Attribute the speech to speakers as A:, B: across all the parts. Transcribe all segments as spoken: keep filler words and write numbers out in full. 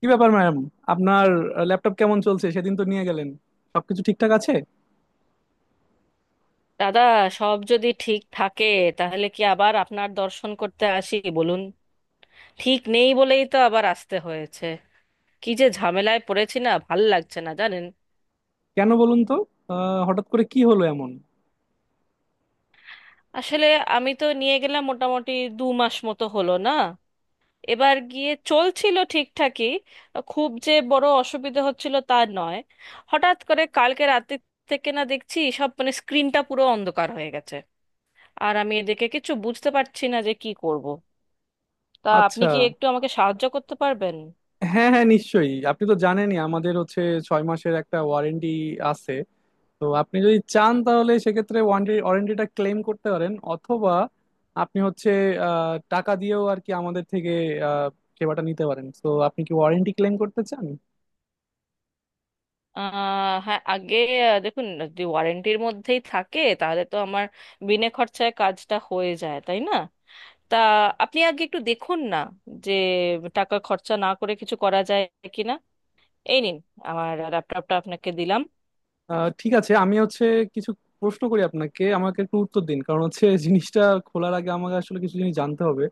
A: কি ব্যাপার ম্যাম? আপনার ল্যাপটপ কেমন চলছে? সেদিন তো নিয়ে গেলেন, সবকিছু ঠিকঠাক আছে?
B: দাদা, সব যদি ঠিক থাকে তাহলে কি আবার আপনার দর্শন করতে আসি বলুন? ঠিক নেই বলেই তো আবার আসতে হয়েছে। কি যে ঝামেলায় পড়েছি, না ভাল লাগছে, না জানেন।
A: কেন বলুন তো, আহ, হঠাৎ করে কি হলো এমন?
B: আসলে আমি তো নিয়ে গেলাম, মোটামুটি দু মাস মতো হলো না? এবার গিয়ে চলছিল ঠিকঠাকই। খুব যে বড় অসুবিধে হচ্ছিল তা নয়। হঠাৎ করে কালকে রাতে থেকে না, দেখছি সব মানে স্ক্রিনটা পুরো অন্ধকার হয়ে গেছে। আর আমি এদিকে কিছু বুঝতে পারছি না যে কি করব। তা আপনি
A: আচ্ছা,
B: কি একটু আমাকে সাহায্য করতে পারবেন?
A: হ্যাঁ হ্যাঁ, নিশ্চয়ই। আপনি তো জানেনই আমাদের হচ্ছে ছয় মাসের একটা ওয়ারেন্টি আছে। তো আপনি যদি চান তাহলে সেক্ষেত্রে ওয়ারেন্টি ওয়ারেন্টিটা ক্লেম করতে পারেন, অথবা আপনি হচ্ছে আহ, টাকা দিয়েও আর কি আমাদের থেকে আহ, সেবাটা নিতে পারেন। তো আপনি কি ওয়ারেন্টি ক্লেম করতে চান?
B: আহ হ্যাঁ, আগে আহ, দেখুন, যদি ওয়ারেন্টির মধ্যেই থাকে তাহলে তো আমার বিনে খরচায় কাজটা হয়ে যায়, তাই না? তা আপনি আগে একটু দেখুন না, যে টাকা খরচা না করে কিছু করা যায় কিনা। এই নিন, আমার ল্যাপটপটা আপনাকে দিলাম।
A: আহ, ঠিক আছে, আমি হচ্ছে কিছু প্রশ্ন করি আপনাকে, আমাকে একটু উত্তর দিন, কারণ হচ্ছে জিনিসটা খোলার আগে আমাকে আসলে কিছু জিনিস জানতে হবে।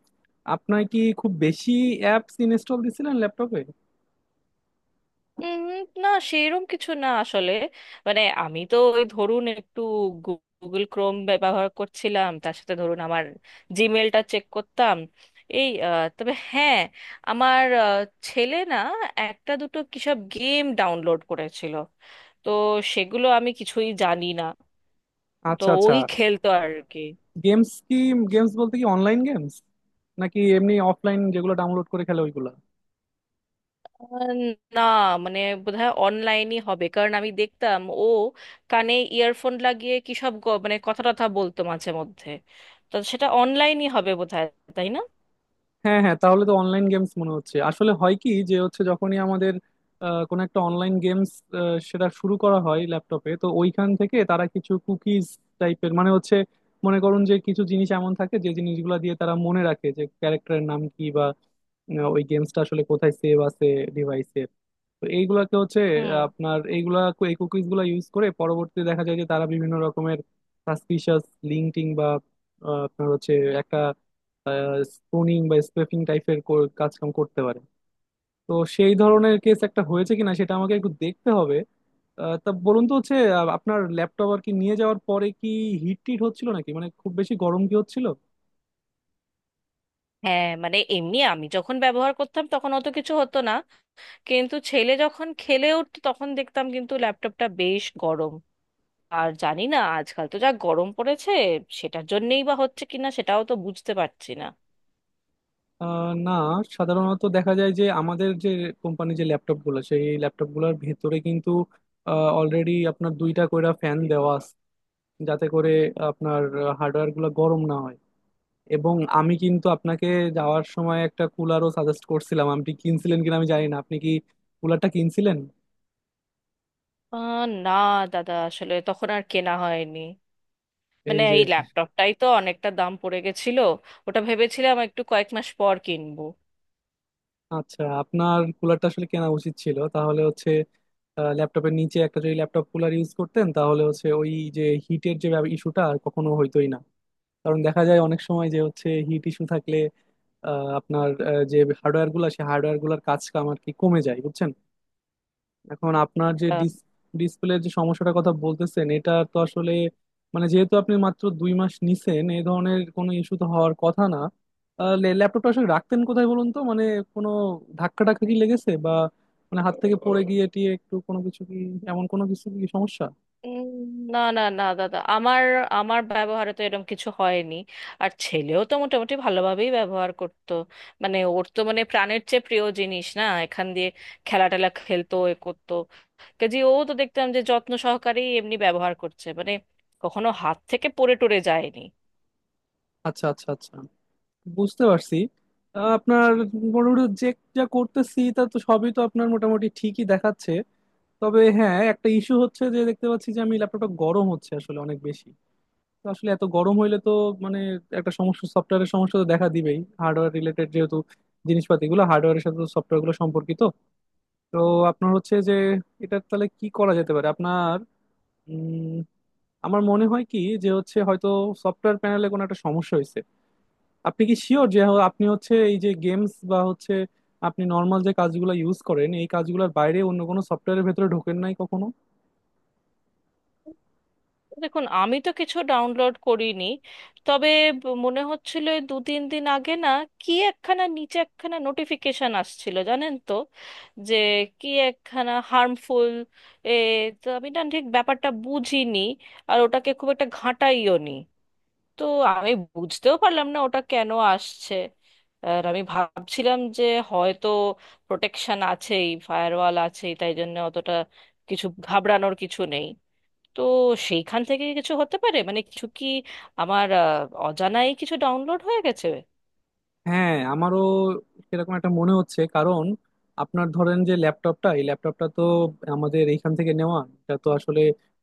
A: আপনার কি খুব বেশি অ্যাপস ইনস্টল দিছিলেন ল্যাপটপে?
B: উম, না, সেরকম কিছু না আসলে। মানে আমি তো ওই ধরুন একটু গুগল ক্রোম ব্যবহার করছিলাম, তার সাথে ধরুন আমার জিমেলটা চেক করতাম। এই আহ, তবে হ্যাঁ, আমার আহ, ছেলে না একটা দুটো কিসব গেম ডাউনলোড করেছিল, তো সেগুলো আমি কিছুই জানি না। তো
A: আচ্ছা আচ্ছা।
B: ওই খেলতো আর কি।
A: গেমস কি? গেমস বলতে কি অনলাইন গেমস নাকি এমনি অফলাইন যেগুলো ডাউনলোড করে খেলে ওইগুলা?
B: আহ, না, মানে বোধহয় অনলাইনই হবে, কারণ আমি দেখতাম ও কানে ইয়ারফোন লাগিয়ে কি সব গ- মানে কথা টথা বলতো মাঝে মধ্যে। তো সেটা অনলাইনই হবে বোধহয়, তাই না?
A: হ্যাঁ হ্যাঁ, তাহলে তো অনলাইন গেমস মনে হচ্ছে। আসলে হয় কি, যে হচ্ছে যখনই আমাদের আহ, কোনো একটা অনলাইন গেমস সেটা শুরু করা হয় ল্যাপটপে, তো ওইখান থেকে তারা কিছু কুকিজ টাইপের, মানে হচ্ছে মনে করুন যে কিছু জিনিস এমন থাকে যে জিনিসগুলো দিয়ে তারা মনে রাখে যে ক্যারেক্টারের নাম কি, বা আহ, ওই গেমসটা আসলে কোথায় সেভ আছে ডিভাইসের। তো এইগুলাকে হচ্ছে
B: হুম।
A: আহ, আপনার এইগুলা, এই কুকিজ গুলা ইউজ করে পরবর্তীতে দেখা যায় যে তারা বিভিন্ন রকমের সাসপিশিয়াস লিঙ্কিং বা আহ, আপনার হচ্ছে একটা স্পুনিং বা স্পেফিং টাইপের কাজকাম করতে পারে। তো সেই ধরনের কেস একটা হয়েছে কিনা সেটা আমাকে একটু দেখতে হবে। আহ, তা বলুন তো হচ্ছে, আহ, আপনার ল্যাপটপ আর কি নিয়ে যাওয়ার পরে কি হিট টিট হচ্ছিল নাকি, মানে খুব বেশি গরম কি হচ্ছিল?
B: হ্যাঁ, মানে এমনি আমি যখন ব্যবহার করতাম তখন অত কিছু হতো না, কিন্তু ছেলে যখন খেলে উঠতো তখন দেখতাম কিন্তু ল্যাপটপটা বেশ গরম। আর জানি না, আজকাল তো যা গরম পড়েছে, সেটার জন্যই বা হচ্ছে কিনা সেটাও তো বুঝতে পারছি না।
A: আহ, না, সাধারণত দেখা যায় যে আমাদের যে কোম্পানি, যে ল্যাপটপ গুলো, সেই ল্যাপটপ গুলোর ভেতরে কিন্তু অলরেডি আপনার দুইটা কইরা ফ্যান দেওয়া আছে, যাতে করে আপনার হার্ডওয়্যার গুলো গরম না হয়। এবং আমি কিন্তু আপনাকে যাওয়ার সময় একটা কুলারও সাজেস্ট করছিলাম, আপনি কিনছিলেন কিনা আমি জানি না। আপনি কি কুলারটা কিনছিলেন?
B: আহ, না দাদা, আসলে তখন আর কেনা হয়নি।
A: এই
B: মানে
A: যে,
B: এই ল্যাপটপটাই তো অনেকটা দাম পড়ে গেছিল। ওটা ভেবেছিলাম একটু কয়েক মাস পর কিনবো।
A: আচ্ছা, আপনার কুলারটা আসলে কেনা উচিত ছিল। তাহলে হচ্ছে ল্যাপটপের নিচে একটা যদি ল্যাপটপ কুলার ইউজ করতেন, তাহলে হচ্ছে ওই যে হিটের যে ইস্যুটা, কখনো হইতোই না। কারণ দেখা যায় অনেক সময় যে হচ্ছে হিট ইস্যু থাকলে আহ, আপনার আহ, যে হার্ডওয়্যার গুলা, সেই হার্ডওয়্যার গুলার কাজ কাম আর কি কমে যায়, বুঝছেন? এখন আপনার যে
B: আচ্ছা।
A: ডিসপ্লের যে সমস্যাটার কথা বলতেছেন, এটা তো আসলে মানে যেহেতু আপনি মাত্র দুই মাস নিছেন, এই ধরনের কোনো ইস্যু তো হওয়ার কথা না। ল্যাপটপটা আসলে রাখতেন কোথায় বলুন তো, মানে কোনো ধাক্কা টাক্কা কি লেগেছে, বা মানে হাত থেকে পড়ে গিয়ে টিয়ে একটু কোনো কিছু কি, এমন কোনো কিছু কি সমস্যা?
B: উম, না না না দাদা, আমার আমার ব্যবহারে তো এরকম কিছু হয়নি। আর ছেলেও তো মোটামুটি ভালোভাবেই ব্যবহার করতো। মানে ওর তো মানে প্রাণের চেয়ে প্রিয় জিনিস, না এখান দিয়ে খেলা টেলা খেলতো এ করতো। কাজে ও তো দেখতাম যে যত্ন সহকারেই এমনি ব্যবহার করছে, মানে কখনো হাত থেকে পড়ে টরে যায়নি।
A: আচ্ছা আচ্ছা আচ্ছা, বুঝতে পারছি। আহ, আপনার মোটামুটি যে যা করতেছি, তা তো সবই তো আপনার মোটামুটি ঠিকই দেখাচ্ছে। তবে হ্যাঁ, একটা ইস্যু হচ্ছে যে দেখতে পাচ্ছি যে আমি ল্যাপটপটা গরম হচ্ছে আসলে অনেক বেশি। তো আসলে এত গরম হইলে তো মানে একটা সমস্যা, সফটওয়্যারের সমস্যা তো দেখা দিবেই, হার্ডওয়্যার রিলেটেড যেহেতু জিনিসপাতি গুলো, হার্ডওয়্যারের সাথে সফটওয়্যার গুলো সম্পর্কিত। তো আপনার হচ্ছে যে এটা তাহলে কি করা যেতে পারে আপনার, উম, আমার মনে হয় কি যে হচ্ছে হয়তো সফটওয়্যার প্যানেলে কোনো একটা সমস্যা হয়েছে। আপনি কি শিওর যে হ- আপনি হচ্ছে এই যে গেমস বা হচ্ছে আপনি নর্মাল যে কাজগুলো ইউজ করেন, এই কাজগুলোর বাইরে অন্য কোনো সফটওয়্যারের ভেতরে ঢোকেন নাই কখনো?
B: দেখুন, আমি তো কিছু ডাউনলোড করিনি। তবে ব- মনে হচ্ছিল এই দু তিন দিন আগে না, কি একখানা নিচে একখানা নোটিফিকেশন আসছিল জানেন তো। যে কি একখানা হার্মফুল এ, তো আমি না ঠিক ব্যাপারটা বুঝিনি। আর ওটাকে খুব একটা ঘাঁটাইও নি। তো আমি বুঝতেও পারলাম না ওটা কেন আসছে। আর আমি ভাবছিলাম যে হয়তো প্রোটেকশন আছেই, ফায়ারওয়াল আছেই, তাই জন্য অতটা কিছু ঘাবড়ানোর কিছু নেই। তো সেইখান থেকে কিছু হতে পারে, মানে কিছু কি আমার আহ, অজানাই কিছু ডাউনলোড হয়ে গেছে।
A: হ্যাঁ, আমারও সেরকম একটা মনে হচ্ছে। কারণ আপনার ধরেন যে ল্যাপটপটা এই ল্যাপটপটা তো আমাদের এইখান থেকে নেওয়া, এটা তো আসলে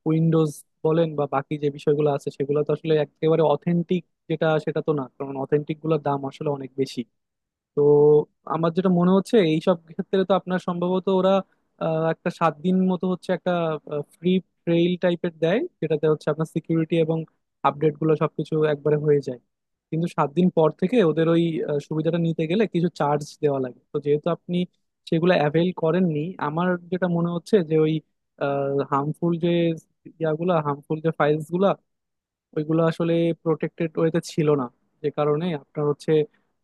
A: উইন্ডোজ বলেন বা বাকি যে বিষয়গুলো আছে, সেগুলো তো আসলে একেবারে অথেন্টিক যেটা, সেটা তো না, কারণ অথেন্টিক গুলোর দাম আসলে অনেক বেশি। তো আমার যেটা মনে হচ্ছে, এইসব ক্ষেত্রে তো আপনার সম্ভবত ওরা আহ, একটা সাত দিন মতো হচ্ছে একটা ফ্রি ট্রেইল টাইপের দেয়, যেটাতে হচ্ছে আপনার সিকিউরিটি এবং আপডেট গুলো সবকিছু একবারে হয়ে যায়। কিন্তু সাত দিন পর থেকে ওদের ওই আহ, সুবিধাটা নিতে গেলে কিছু চার্জ দেওয়া লাগে। তো যেহেতু আপনি সেগুলো অ্যাভেল করেননি, আমার যেটা মনে হচ্ছে যে ওই হার্মফুল যে ইয়াগুলা হার্মফুল যে ফাইলস গুলা ওইগুলো আসলে প্রোটেক্টেড ওয়েতে ছিল না, যে কারণে আপনার হচ্ছে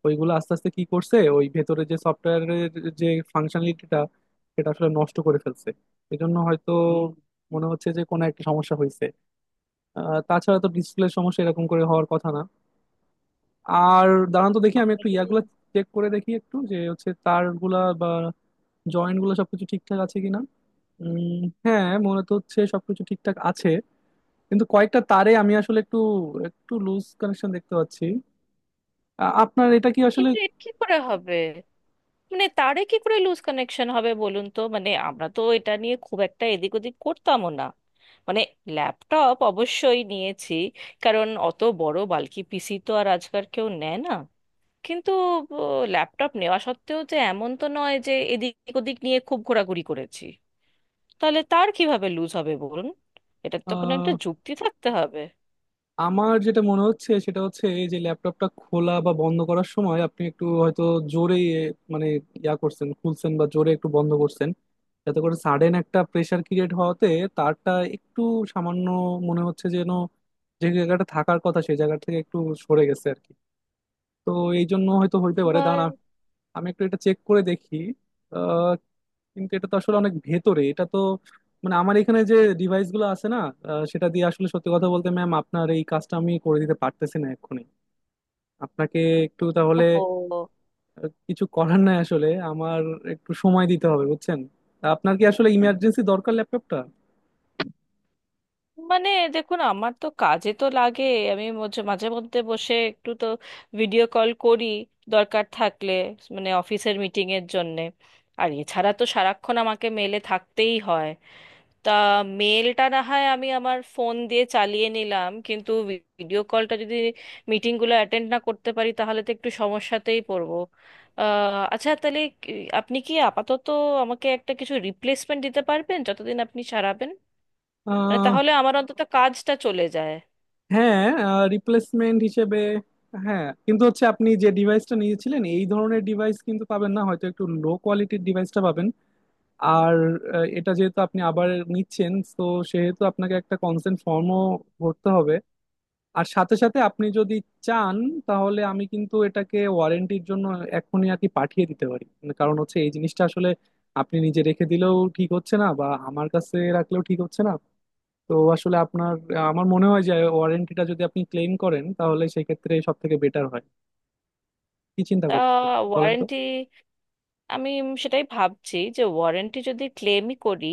A: ওইগুলো আস্তে আস্তে কি করছে, ওই ভেতরে যে সফটওয়্যারের যে ফাংশনালিটিটা, সেটা আসলে নষ্ট করে ফেলছে। এজন্য হয়তো মনে হচ্ছে যে কোনো একটা সমস্যা হয়েছে। আহ, তাছাড়া তো ডিসপ্লের সমস্যা এরকম করে হওয়ার কথা না। আর দাঁড়ান তো, দেখি আমি একটু
B: তাহলে।
A: ইয়াগুলো চেক করে দেখি একটু, যে হচ্ছে তারগুলা বা জয়েন্ট গুলো সবকিছু ঠিকঠাক আছে কিনা। উম, হ্যাঁ, মনে তো হচ্ছে সবকিছু ঠিকঠাক আছে, কিন্তু কয়েকটা তারে আমি আসলে একটু একটু লুজ কানেকশন দেখতে পাচ্ছি। আ- আপনার এটা কি আসলে,
B: কিন্তু এ কি করে হবে? মানে তারে কি করে লুজ কানেকশন হবে বলুন তো, মানে আমরা তো এটা নিয়ে খুব একটা এদিক ওদিক করতামও না। মানে ল্যাপটপ অবশ্যই নিয়েছি, কারণ অত বড় বালকি পিসি তো আর আজকাল কেউ নেয় না। কিন্তু ল্যাপটপ নেওয়া সত্ত্বেও যে এমন তো নয় যে এদিক ওদিক নিয়ে খুব ঘোরাঘুরি করেছি। তাহলে তার কিভাবে লুজ হবে বলুন? এটার তো কোনো একটা
A: আহ,
B: যুক্তি থাকতে হবে।
A: আমার যেটা মনে হচ্ছে সেটা হচ্ছে এই যে ল্যাপটপটা খোলা বা বন্ধ করার সময় আপনি একটু হয়তো জোরে, মানে ইয়া করছেন, খুলছেন বা জোরে একটু বন্ধ করছেন, যাতে করে সাডেন একটা প্রেসার ক্রিয়েট হওয়াতে তারটা একটু সামান্য, মনে হচ্ছে যেন, যে জায়গাটা থাকার কথা সেই জায়গা থেকে একটু সরে গেছে আর কি। তো এই জন্য হয়তো হইতে পারে। দাঁড়ান
B: এবার।
A: আ- আমি একটু এটা চেক করে দেখি। কিন্তু এটা তো আসলে অনেক ভেতরে, এটা তো মানে আমার এখানে যে ডিভাইস গুলো আছে না, আহ, সেটা দিয়ে আসলে সত্যি কথা বলতে, ম্যাম, আপনার এই কাজটা আমি করে দিতে পারতেছি না এক্ষুনি। আপনাকে একটু তাহলে
B: ও,
A: আহ, কিছু করার নাই, আসলে আমার একটু সময় দিতে হবে, বুঝছেন? তা আপনার কি আসলে ইমার্জেন্সি দরকার ল্যাপটপটা?
B: মানে দেখুন, আমার তো কাজে তো লাগে। আমি মাঝে মাঝে মধ্যে বসে একটু তো ভিডিও কল করি, দরকার থাকলে, মানে অফিসের মিটিংয়ের জন্যে। আর এছাড়া তো সারাক্ষণ আমাকে মেলে থাকতেই হয়। তা, মেলটা না হয় আমি আমার ফোন দিয়ে চালিয়ে নিলাম, কিন্তু ভিডিও কলটা যদি, মিটিংগুলো অ্যাটেন্ড না করতে পারি, তাহলে তো একটু সমস্যাতেই পড়বো। আহ, আচ্ছা, তাহলে কি- আপনি কি আপাতত আমাকে একটা কিছু রিপ্লেসমেন্ট দিতে পারবেন যতদিন আপনি সারাবেন? মানে
A: আহ,
B: তাহলে আমার অন্তত কাজটা চলে যায়।
A: হ্যাঁ, রিপ্লেসমেন্ট হিসেবে হ্যাঁ, কিন্তু হচ্ছে আপনি যে ডিভাইসটা নিয়েছিলেন এই ধরনের ডিভাইস কিন্তু পাবেন না, হয়তো একটু লো কোয়ালিটির ডিভাইসটা পাবেন। আর আহ, এটা যেহেতু আপনি আবার নিচ্ছেন, তো সেহেতু আপনাকে একটা কনসেন্ট ফর্মও ভরতে হবে। আর সাথে সাথে আপনি যদি চান, তাহলে আমি কিন্তু এটাকে ওয়ারেন্টির জন্য এখনই আর কি পাঠিয়ে দিতে পারি। কারণ হচ্ছে এই জিনিসটা আসলে আপনি নিজে রেখে দিলেও ঠিক হচ্ছে না, বা আমার কাছে রাখলেও ঠিক হচ্ছে না। তো আসলে আপনার, আমার মনে হয় যে ওয়ারেন্টিটা যদি আপনি ক্লেম করেন, তাহলে সেক্ষেত্রে সব থেকে বেটার হয়। কি চিন্তা
B: তা,
A: করছেন বলেন তো?
B: ওয়ারেন্টি, আমি সেটাই ভাবছি যে ওয়ারেন্টি যদি ক্লেমই করি,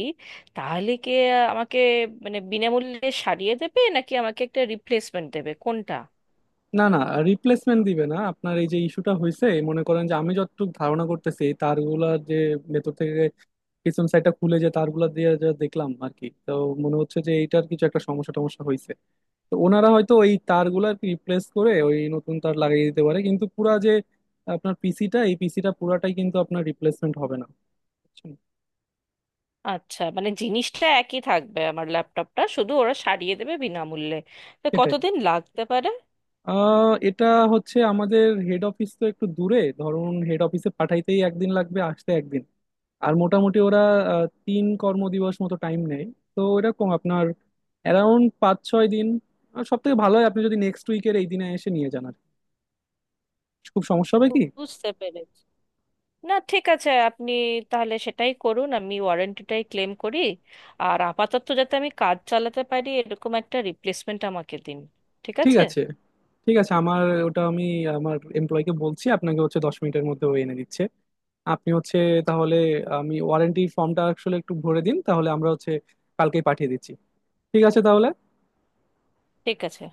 B: তাহলে কি আমাকে মানে বিনামূল্যে সারিয়ে দেবে, নাকি আমাকে একটা রিপ্লেসমেন্ট দেবে, কোনটা?
A: না না, রিপ্লেসমেন্ট দিবে না। আপনার এই যে ইস্যুটা হয়েছে, মনে করেন যে আমি যতটুকু ধারণা করতেছি, এই তারগুলা যে ভেতর থেকে পিছন সাইডটা খুলে যে তারগুলা দিয়ে যা দেখলাম আর কি, তো মনে হচ্ছে যে এইটার কিছু একটা সমস্যা টমস্যা হয়েছে। তো ওনারা হয়তো ওই তারগুলা আর কি রিপ্লেস করে ওই নতুন তার লাগিয়ে দিতে পারে, কিন্তু পুরা যে আপনার পিসিটা এই পিসিটা পুরাটাই কিন্তু আপনার রিপ্লেসমেন্ট হবে না, বুঝছেন?
B: আচ্ছা, মানে জিনিসটা একই থাকবে, আমার ল্যাপটপটা শুধু ওরা সারিয়ে দেবে বিনামূল্যে। তো
A: সেটাই,
B: কতদিন লাগতে পারে?
A: আহ, এটা হচ্ছে আমাদের হেড অফিস তো একটু দূরে, ধরুন হেড অফিসে পাঠাইতেই একদিন লাগবে, আসতে একদিন, আর মোটামুটি ওরা আহ, তিন কর্মদিবস মতো টাইম নেয়। তো এরকম আপনার অ্যারাউন্ড পাঁচ ছয় দিন। আর সব থেকে ভালো হয় আপনি যদি নেক্সট উইকের এই দিনে এসে নিয়ে যান আর কি। খুব সমস্যা হবে কি?
B: বুঝতে পেরেছি। না, ঠিক আছে, আপনি তাহলে সেটাই করুন, আমি ওয়ারেন্টিটাই ক্লেম করি। আর আপাতত যাতে আমি কাজ চালাতে পারি এরকম একটা রিপ্লেসমেন্ট আমাকে দিন। ঠিক
A: ঠিক
B: আছে।
A: আছে, ঠিক আছে। আমার ওটা আমি আমার এমপ্লয়কে বলছি, আপনাকে হচ্ছে দশ মিনিটের মধ্যে ও এনে দিচ্ছে। আপনি হচ্ছে তাহলে আমি ওয়ারেন্টি ফর্মটা আসলে একটু ভরে দিন, তাহলে আমরা হচ্ছে কালকেই পাঠিয়ে দিচ্ছি। ঠিক আছে তাহলে।
B: ঠিক আছে।